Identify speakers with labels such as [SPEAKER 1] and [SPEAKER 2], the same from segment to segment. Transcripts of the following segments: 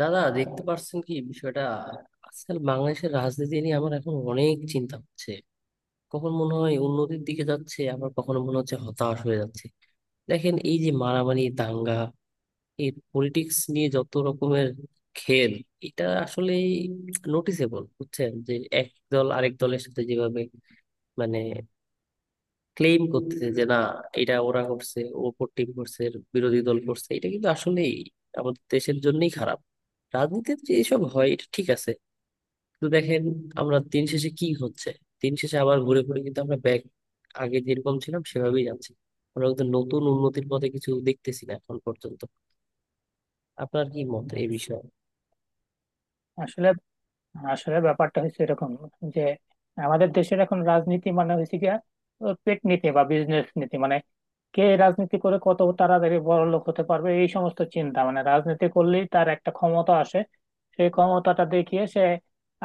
[SPEAKER 1] দাদা দেখতে পারছেন কি বিষয়টা? আজকাল বাংলাদেশের রাজনীতি নিয়ে আমার এখন অনেক চিন্তা হচ্ছে। কখন মনে হয় উন্নতির দিকে যাচ্ছে, আবার কখনো মনে হচ্ছে হতাশ হয়ে যাচ্ছে। দেখেন, এই যে মারামারি, দাঙ্গা, এই পলিটিক্স নিয়ে যত রকমের খেল, এটা আসলে নোটিসেবল, বুঝছেন? যে এক দল আরেক দলের সাথে যেভাবে মানে ক্লেম করতেছে যে না, এটা ওরা করছে, ওপর টিম করছে, বিরোধী দল করছে, এটা কিন্তু আসলেই আমাদের দেশের জন্যই খারাপ। রাজনীতিতে যে এসব হয় এটা ঠিক আছে, কিন্তু দেখেন, আমরা দিন শেষে কি হচ্ছে, দিন শেষে আবার ঘুরে ঘুরে কিন্তু আমরা ব্যাক, আগে যেরকম ছিলাম সেভাবেই যাচ্ছি। আমরা কিন্তু নতুন উন্নতির পথে কিছু দেখতেছি না এখন পর্যন্ত। আপনার কি মত এই বিষয়ে?
[SPEAKER 2] আসলে আসলে ব্যাপারটা হচ্ছে এরকম যে আমাদের দেশের এখন রাজনীতি মানে হয়েছে গিয়া ও পেট নীতি বা বিজনেস নীতি, মানে কে রাজনীতি করে কত তাড়াতাড়ি বড় লোক হতে পারবে এই সমস্ত চিন্তা, মানে রাজনীতি করলেই তার একটা ক্ষমতা আসে, সেই ক্ষমতাটা দেখিয়ে সে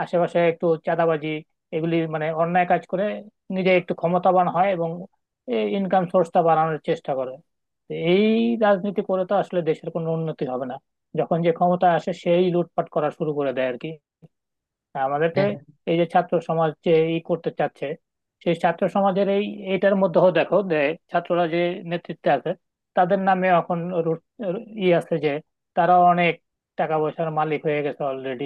[SPEAKER 2] আশেপাশে একটু চাঁদাবাজি, এগুলি মানে অন্যায় কাজ করে, নিজে একটু ক্ষমতাবান হয় এবং এই ইনকাম সোর্সটা বাড়ানোর চেষ্টা করে। তো এই রাজনীতি করে তো আসলে দেশের কোনো উন্নতি হবে না, যখন যে ক্ষমতা আসে সেই লুটপাট করা শুরু করে দেয় আর কি। হ্যাঁ, আমাদেরকে
[SPEAKER 1] হ্যাঁ,
[SPEAKER 2] এই যে ছাত্র সমাজ যে ই করতে চাচ্ছে, সেই ছাত্র সমাজের এই এটার মধ্যেও দেখো যে ছাত্ররা যে নেতৃত্বে আছে তাদের নামে এখন রু- ই আছে যে তারা অনেক টাকা পয়সার মালিক হয়ে গেছে অলরেডি,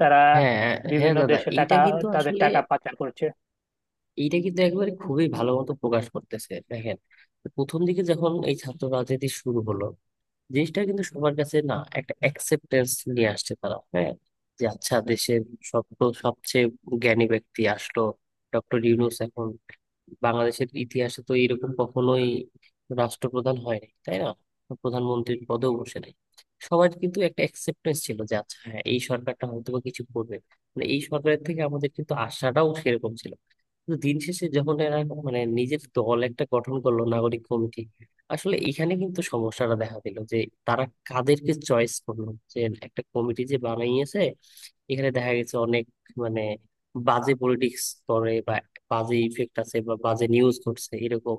[SPEAKER 2] তারা
[SPEAKER 1] হ্যাঁ, হ্যাঁ
[SPEAKER 2] বিভিন্ন
[SPEAKER 1] দাদা,
[SPEAKER 2] দেশে টাকা,
[SPEAKER 1] এইটা কিন্তু
[SPEAKER 2] তাদের
[SPEAKER 1] আসলে
[SPEAKER 2] টাকা পাচার করছে।
[SPEAKER 1] এইটা কিন্তু একবারে খুবই ভালো মতো প্রকাশ করতেছে, দেখেন। প্রথম দিকে যখন এই ছাত্র রাজনীতি শুরু হলো, জিনিসটা কিন্তু সবার কাছে না একটা অ্যাকসেপ্টেন্স নিয়ে আসছে তারা। হ্যাঁ, যে আচ্ছা, দেশের সব, সবচেয়ে জ্ঞানী ব্যক্তি আসলো, ডক্টর ইউনূস। এখন বাংলাদেশের ইতিহাসে তো এরকম কখনোই রাষ্ট্রপ্রধান হয়নি, তাই না? প্রধানমন্ত্রীর পদেও বসে নাই। সবার কিন্তু একটা অ্যাকসেপ্টেন্স ছিল যে আচ্ছা হ্যাঁ, এই সরকারটা হয়তো বা কিছু করবে। মানে এই সরকারের থেকে আমাদের কিন্তু আশাটাও সেরকম ছিল। কিন্তু দিন শেষে যখন এরা মানে নিজের দল একটা গঠন করলো নাগরিক কমিটি, আসলে এখানে কিন্তু সমস্যাটা দেখা দিল যে তারা কাদেরকে চয়েস করলো। যে একটা কমিটি যে বানাইয়েছে, এখানে দেখা গেছে অনেক মানে বাজে পলিটিক্স করে বা বাজে ইফেক্ট আছে বা বাজে নিউজ ঘটছে এরকম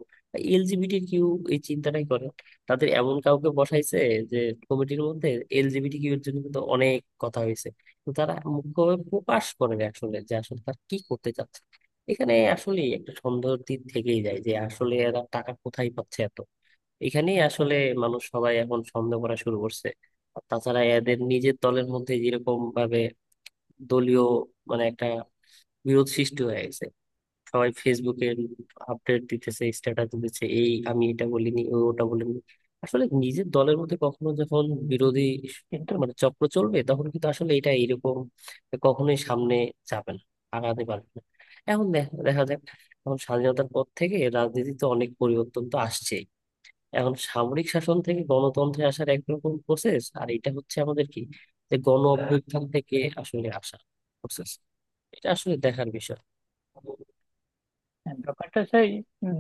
[SPEAKER 1] এলজিবিটি কিউ এই চিন্তাটাই করে, তাদের এমন কাউকে বসাইছে যে কমিটির মধ্যে। এলজিবিটি কিউ এর জন্য কিন্তু অনেক কথা হয়েছে। তো তারা মুখ্যভাবে প্রকাশ করে না আসলে যে আসলে তারা কি করতে চাচ্ছে। এখানে আসলে একটা সন্দেহের দিক থেকেই যায় যে আসলে এরা টাকা কোথায় পাচ্ছে। এখানেই আসলে মানুষ সবাই এখন সন্দেহ করা শুরু করছে। আর তাছাড়া এদের নিজের দলের মধ্যে যেরকম ভাবে দলীয় মানে একটা বিরোধ সৃষ্টি হয়ে গেছে। সবাই ফেসবুকে আপডেট দিতেছে, স্ট্যাটাস দিতেছে, এই আমি এটা বলিনি, ও ওটা বলিনি। আসলে নিজের দলের মধ্যে কখনো যখন বিরোধী
[SPEAKER 2] কিন্তু
[SPEAKER 1] মানে চক্র চলবে, তখন কিন্তু আসলে এটা এরকম কখনোই সামনে যাবে না, আগাতে পারবে না। এখন দেখা দেখা যাক। এখন স্বাধীনতার পর থেকে রাজনীতিতে অনেক পরিবর্তন তো আসছে। এখন সামরিক শাসন থেকে গণতন্ত্রে আসার একরকম প্রসেস, আর এটা হচ্ছে আমাদের কি, যে গণ অভ্যুত্থান থেকে আসলে আসা প্রসেস, এটা আসলে দেখার বিষয়।
[SPEAKER 2] হ্যাঁ, ব্যাপারটা সেই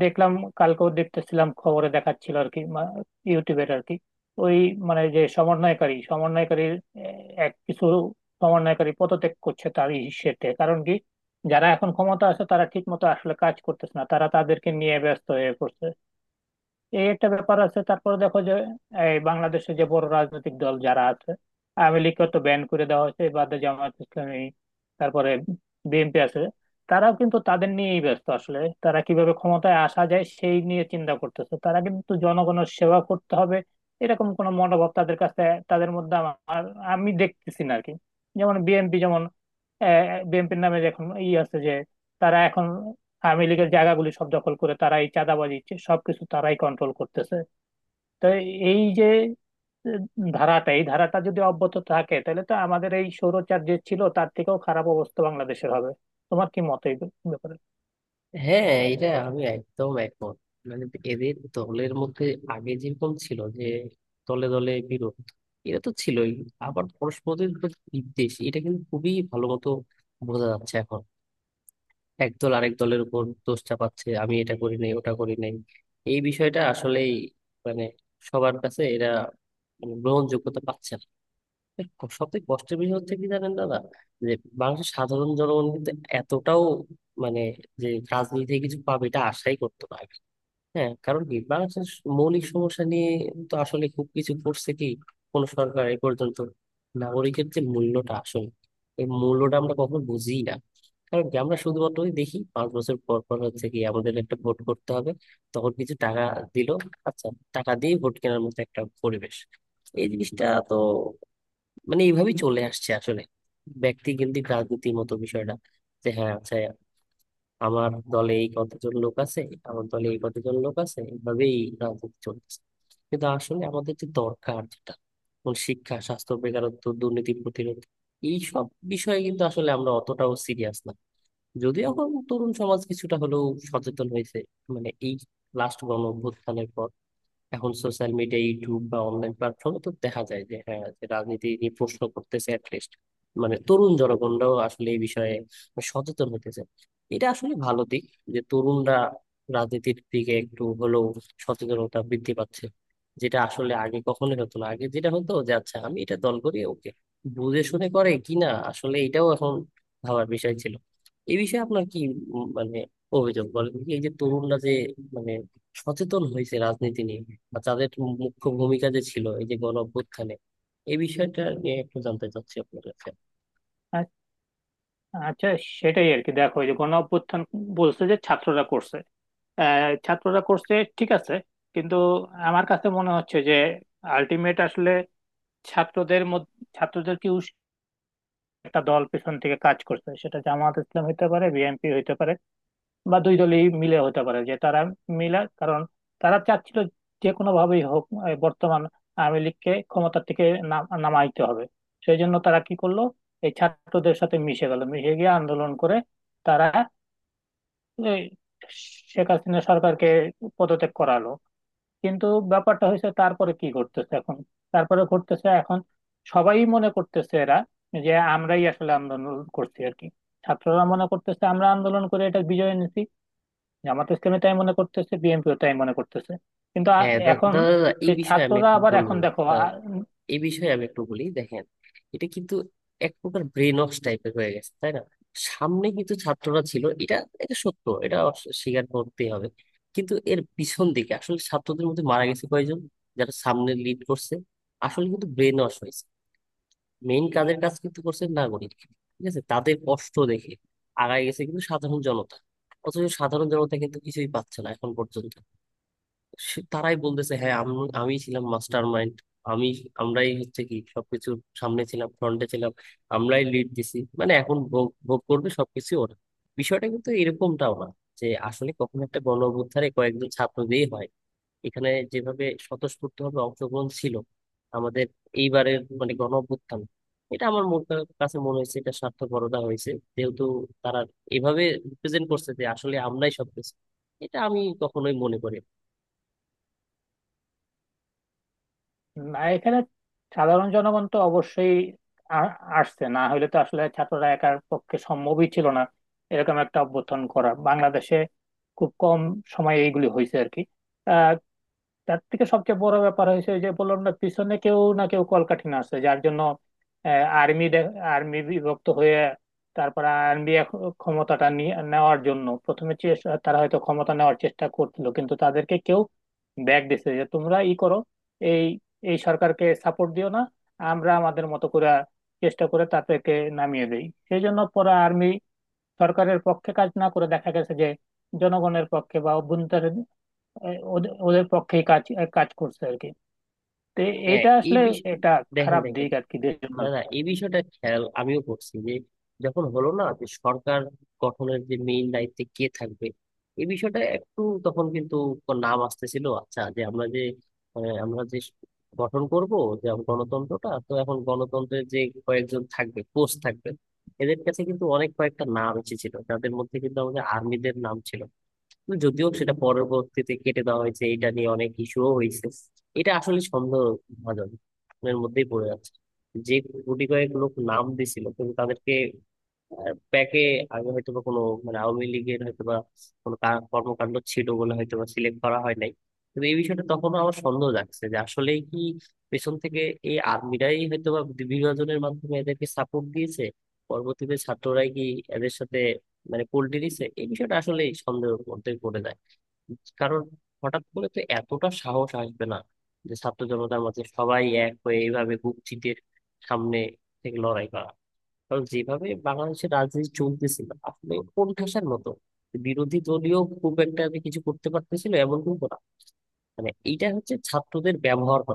[SPEAKER 2] দেখলাম, কালকেও দেখতেছিলাম খবরে দেখাচ্ছিল আর কি, ইউটিউবের আর কি, ওই মানে যে সমন্বয়কারীর এক কিছু সমন্বয়কারী পদত্যাগ করছে তার ইস্যেতে। কারণ কি, যারা এখন ক্ষমতা আছে তারা ঠিক মতো আসলে কাজ করতেছে না, তারা তাদেরকে নিয়ে ব্যস্ত হয়ে পড়ছে। এই একটা ব্যাপার আছে, তারপর দেখো যে এই বাংলাদেশে যে বড় রাজনৈতিক দল যারা আছে, আওয়ামী লীগকে তো ব্যান করে দেওয়া হয়েছে, বাদে জামাত ইসলামী, তারপরে বিএনপি আছে। তারাও কিন্তু তাদের নিয়েই ব্যস্ত, আসলে তারা কিভাবে ক্ষমতায় আসা যায় সেই নিয়ে চিন্তা করতেছে, তারা কিন্তু জনগণের সেবা করতে হবে এরকম কোনো মনোভাব তাদের কাছে, তাদের মধ্যে আমার আমি দেখতেছি না আর কি। যেমন বিএনপি, যেমন বিএনপির নামে যে এখন ই আছে যে, তারা এখন আওয়ামী লীগের জায়গাগুলি সব দখল করে তারা এই চাঁদাবাজি সবকিছু তারাই কন্ট্রোল করতেছে। তো এই যে আহ, ধারাটা, এই ধারাটা যদি অব্যাহত থাকে তাহলে তো আমাদের এই স্বৈরাচার যে ছিল তার থেকেও খারাপ অবস্থা বাংলাদেশের হবে। তোমার কি মত এই ব্যাপারে?
[SPEAKER 1] হ্যাঁ, এটা আমি একদম একমত। মানে এদের দলের মধ্যে আগে যেরকম ছিল যে দলে দলে বিরোধ, এটা তো ছিলই, আবার পরস্পরের উপর বিদ্বেষ, এটা কিন্তু খুবই ভালো মতো বোঝা যাচ্ছে এখন। একদল আরেক দলের উপর দোষ চাপাচ্ছে, আমি এটা করি নাই, ওটা করি নাই। এই বিষয়টা আসলেই মানে সবার কাছে এরা মানে গ্রহণযোগ্যতা পাচ্ছে না। সবথেকে কষ্টের বিষয় হচ্ছে কি জানেন দাদা? যে বাংলাদেশের সাধারণ জনগণ কিন্তু এতটাও মানে যে রাজনীতি থেকে কিছু পাবে এটা আশাই করতো না। হ্যাঁ, কারণ কি, বাংলাদেশের মৌলিক সমস্যা নিয়ে তো আসলে খুব কিছু করছে কি কোন সরকার এ পর্যন্ত? নাগরিকের যে মূল্যটা আসলে, এই মূল্যটা আমরা কখনো বুঝি না। কারণ কি, আমরা শুধুমাত্র ওই দেখি পাঁচ বছর পর পর হচ্ছে কি আমাদের একটা ভোট করতে হবে, তখন কিছু টাকা দিল, আচ্ছা। টাকা দিয়ে ভোট কেনার মতো একটা পরিবেশ, এই জিনিসটা তো মানে এইভাবেই চলে আসছে আসলে। ব্যক্তি কেন্দ্রিক রাজনীতির মতো বিষয়টা, যে হ্যাঁ আচ্ছা, আমার দলে এই কতজন লোক আছে, আমার দলে এই কতজন লোক আছে, এভাবেই রাজনীতি চলতেছে। কিন্তু আসলে আমাদের যে দরকার যেটা, যেমন শিক্ষা, স্বাস্থ্য, বেকারত্ব, দুর্নীতি প্রতিরোধ, এই সব বিষয়ে কিন্তু আসলে আমরা অতটাও সিরিয়াস না। যদিও এখন তরুণ সমাজ কিছুটা হলেও সচেতন হয়েছে মানে এই লাস্ট গণ অভ্যুত্থানের পর। এখন সোশ্যাল মিডিয়া, ইউটিউব বা অনলাইন প্ল্যাটফর্মে তো দেখা যায় যে হ্যাঁ, যে রাজনীতি নিয়ে প্রশ্ন করতেছে অ্যাটলিস্ট মানে তরুণ জনগণরাও আসলে এই বিষয়ে সচেতন হতেছে। এটা আসলে ভালো দিক যে তরুণরা রাজনীতির দিকে একটু হলেও সচেতনতা বৃদ্ধি পাচ্ছে, যেটা আসলে আগে কখনোই হতো না। আগে যেটা হতো যে আচ্ছা, আমি এটা দল করি, ওকে, বুঝে শুনে করে কিনা আসলে এটাও এখন ভাবার বিষয় ছিল। এই বিষয়ে আপনার কি মানে অভিযোগ বলেন কি, এই যে তরুণরা যে মানে সচেতন হয়েছে রাজনীতি নিয়ে, বা তাদের মুখ্য ভূমিকা যে ছিল এই যে গণ অভ্যুত্থানে, এই বিষয়টা নিয়ে একটু জানতে চাচ্ছি আপনার কাছে।
[SPEAKER 2] আ- আচ্ছা, সেটাই আর কি। দেখো এই যে গণ অভ্যুত্থান বলছে যে ছাত্ররা করছে, ছাত্ররা করছে ঠিক আছে, কিন্তু আমার কাছে মনে হচ্ছে যে আলটিমেট আসলে ছাত্রদের মধ্যে ছাত্রদের কি একটা দল পেছন থেকে কাজ করছে, সেটা জামাত ইসলাম হইতে পারে, বিএনপি হইতে পারে, বা দুই দলই মিলে হতে পারে। যে তারা মিলা, কারণ তারা চাচ্ছিল যে কোনো ভাবেই হোক এই বর্তমান আওয়ামী লীগকে ক্ষমতার থেকে নামাইতে হবে। সেই জন্য তারা কি করলো, এই ছাত্রদের সাথে মিশে গেল, মিশে গিয়ে আন্দোলন করে তারা এই শেখ হাসিনা সরকারকে পদত্যাগ করালো। কিন্তু ব্যাপারটা হয়েছে তারপরে কি ঘটতেছে এখন, তারপরে ঘটতেছে এখন সবাই মনে করতেছে এরা যে আমরাই আসলে আন্দোলন করছি আর কি। ছাত্ররা মনে করতেছে আমরা আন্দোলন করে এটা বিজয় এনেছি, জামাত ইসলামী তাই মনে করতেছে, বিএনপিও তাই মনে করতেছে। কিন্তু
[SPEAKER 1] হ্যাঁ,
[SPEAKER 2] এখন
[SPEAKER 1] দাদা, দাদা, এই
[SPEAKER 2] এই
[SPEAKER 1] বিষয়ে আমি
[SPEAKER 2] ছাত্ররা
[SPEAKER 1] একটু
[SPEAKER 2] আবার
[SPEAKER 1] বলবো।
[SPEAKER 2] এখন দেখো।
[SPEAKER 1] দাদা, এই বিষয়ে আমি একটু বলি, দেখেন। এটা কিন্তু এক প্রকার ব্রেন ওয়াশ টাইপের হয়ে গেছে, তাই না? সামনে কিন্তু ছাত্ররা ছিল, এটা এটা সত্য, এটা স্বীকার করতেই হবে। কিন্তু এর পিছন দিকে আসলে ছাত্রদের মধ্যে মারা গেছে কয়জন যারা সামনে লিড করছে? আসলে কিন্তু ব্রেন ওয়াশ হয়েছে। মেইন কাজের কাজ কিন্তু করছে নাগরিক, ঠিক আছে, তাদের কষ্ট দেখে আগায় গেছে কিন্তু সাধারণ জনতা। অথচ সাধারণ জনতা কিন্তু কিছুই পাচ্ছে না এখন পর্যন্ত। তারাই বলতেছে হ্যাঁ, আমি, আমি ছিলাম মাস্টার মাইন্ড, আমি, আমরাই হচ্ছে কি সবকিছুর সামনে ছিলাম, ফ্রন্টে ছিলাম, আমরাই লিড দিছি, মানে এখন ভোগ ভোগ করবে সবকিছু ওরা। বিষয়টা কিন্তু এরকমটাও না যে আসলে কখনো একটা গণ অভ্যুত্থানে কয়েকজন ছাত্র দিয়ে হয়। এখানে যেভাবে স্বতঃস্ফূর্তভাবে অংশগ্রহণ ছিল আমাদের এইবারের মানে গণ অভ্যুত্থান, এটা আমার মন কাছে মনে হয়েছে এটা স্বার্থপরতা হয়েছে, যেহেতু তারা এভাবে রিপ্রেজেন্ট করছে যে আসলে আমরাই সবকিছু। এটা আমি কখনোই মনে করি না।
[SPEAKER 2] না এখানে সাধারণ জনগণ তো অবশ্যই আ- আসছে, না হলে তো আসলে ছাত্ররা একার পক্ষে সম্ভবই ছিল না এরকম একটা অভ্যুত্থান করা। বাংলাদেশে খুব কম সময়ে এইগুলি হয়েছে আর কি। তার থেকে সবচেয়ে বড় ব্যাপার হয়েছে ওই যে বললাম না পিছনে কেউ না কেউ কলকাঠি আছে, যার জন্য আর্মি আর্মি বিভক্ত হয়ে, তারপরে আর্মি নেওয়ার জন্য প্রথমে চেষ্টা, তারা হয়তো ক্ষমতা নেওয়ার চেষ্টা করছিল, কিন্তু তাদেরকে কেউ ব্যাগ দিছে যে তোমরা ই করো, এই এই সরকারকে সাপোর্ট দিও না, আমরা আমাদের মতো করে চেষ্টা করে তাদেরকে নামিয়ে দেই। সেই জন্য পরে আর্মি সরকারের পক্ষে কাজ না করে দেখা গেছে যে জনগণের পক্ষে বা অভ্যন্তরীণ ওদের ওদের পক্ষে কাজ কাজ করছে আর কি। তো
[SPEAKER 1] হ্যাঁ,
[SPEAKER 2] এইটা
[SPEAKER 1] এই
[SPEAKER 2] আসলে
[SPEAKER 1] বিষয়ে
[SPEAKER 2] একটা
[SPEAKER 1] দেখেন,
[SPEAKER 2] খারাপ
[SPEAKER 1] দেখেন,
[SPEAKER 2] দিক আর কি দেশের
[SPEAKER 1] না, না,
[SPEAKER 2] জন্য।
[SPEAKER 1] এই বিষয়টা খেয়াল আমিও করছি, যে যখন হলো না যে সরকার গঠনের যে মেইন দায়িত্বে কে থাকবে এই বিষয়টা একটু, তখন কিন্তু নাম আসতেছিল আচ্ছা, যে আমরা যে, আমরা যে গঠন করব, যে গণতন্ত্রটা তো এখন গণতন্ত্রের যে কয়েকজন থাকবে, কোচ থাকবে, এদের কাছে কিন্তু অনেক কয়েকটা নাম এসেছিল যাদের মধ্যে কিন্তু আমাদের আর্মিদের নাম ছিল। যদিও সেটা পরবর্তীতে কেটে দেওয়া হয়েছে, এটা নিয়ে অনেক ইস্যুও হয়েছে। এটা আসলে সন্দেহভাজন এর মধ্যেই পড়ে যাচ্ছে। যে কোটি কয়েক লোক নাম দিছিল কিন্তু তাদেরকে ব্যাকে, আগে হয়তো বা কোনো মানে আওয়ামী লীগের হয়তো বা কোনো কর্মকাণ্ড ছিল বলে হয়তো বা সিলেক্ট করা হয় নাই। কিন্তু এই বিষয়টা তখনও আমার সন্দেহ জাগছে যে আসলেই কি পেছন থেকে এই আর্মিরাই হয়তো বা বিভাজনের মাধ্যমে এদেরকে সাপোর্ট দিয়েছে, পরবর্তীতে ছাত্ররাই কি এদের সাথে মানে পোল্টি দিছে, এই বিষয়টা আসলে সন্দেহের মধ্যে পড়ে যায়। কারণ হঠাৎ করে তো এতটা সাহস আসবে না যে ছাত্র জনতার মধ্যে সবাই এক হয়ে এইভাবে বুক চিতিয়ে সামনে থেকে লড়াই করা। কারণ যেভাবে বাংলাদেশের রাজনীতি চলতেছিল, আপনি কোন ঠাসার মতো বিরোধী দলীয় খুব একটা যে কিছু করতে পারতেছিল এমন কিন্তু না। মানে এইটা হচ্ছে ছাত্রদের ব্যবহার করা।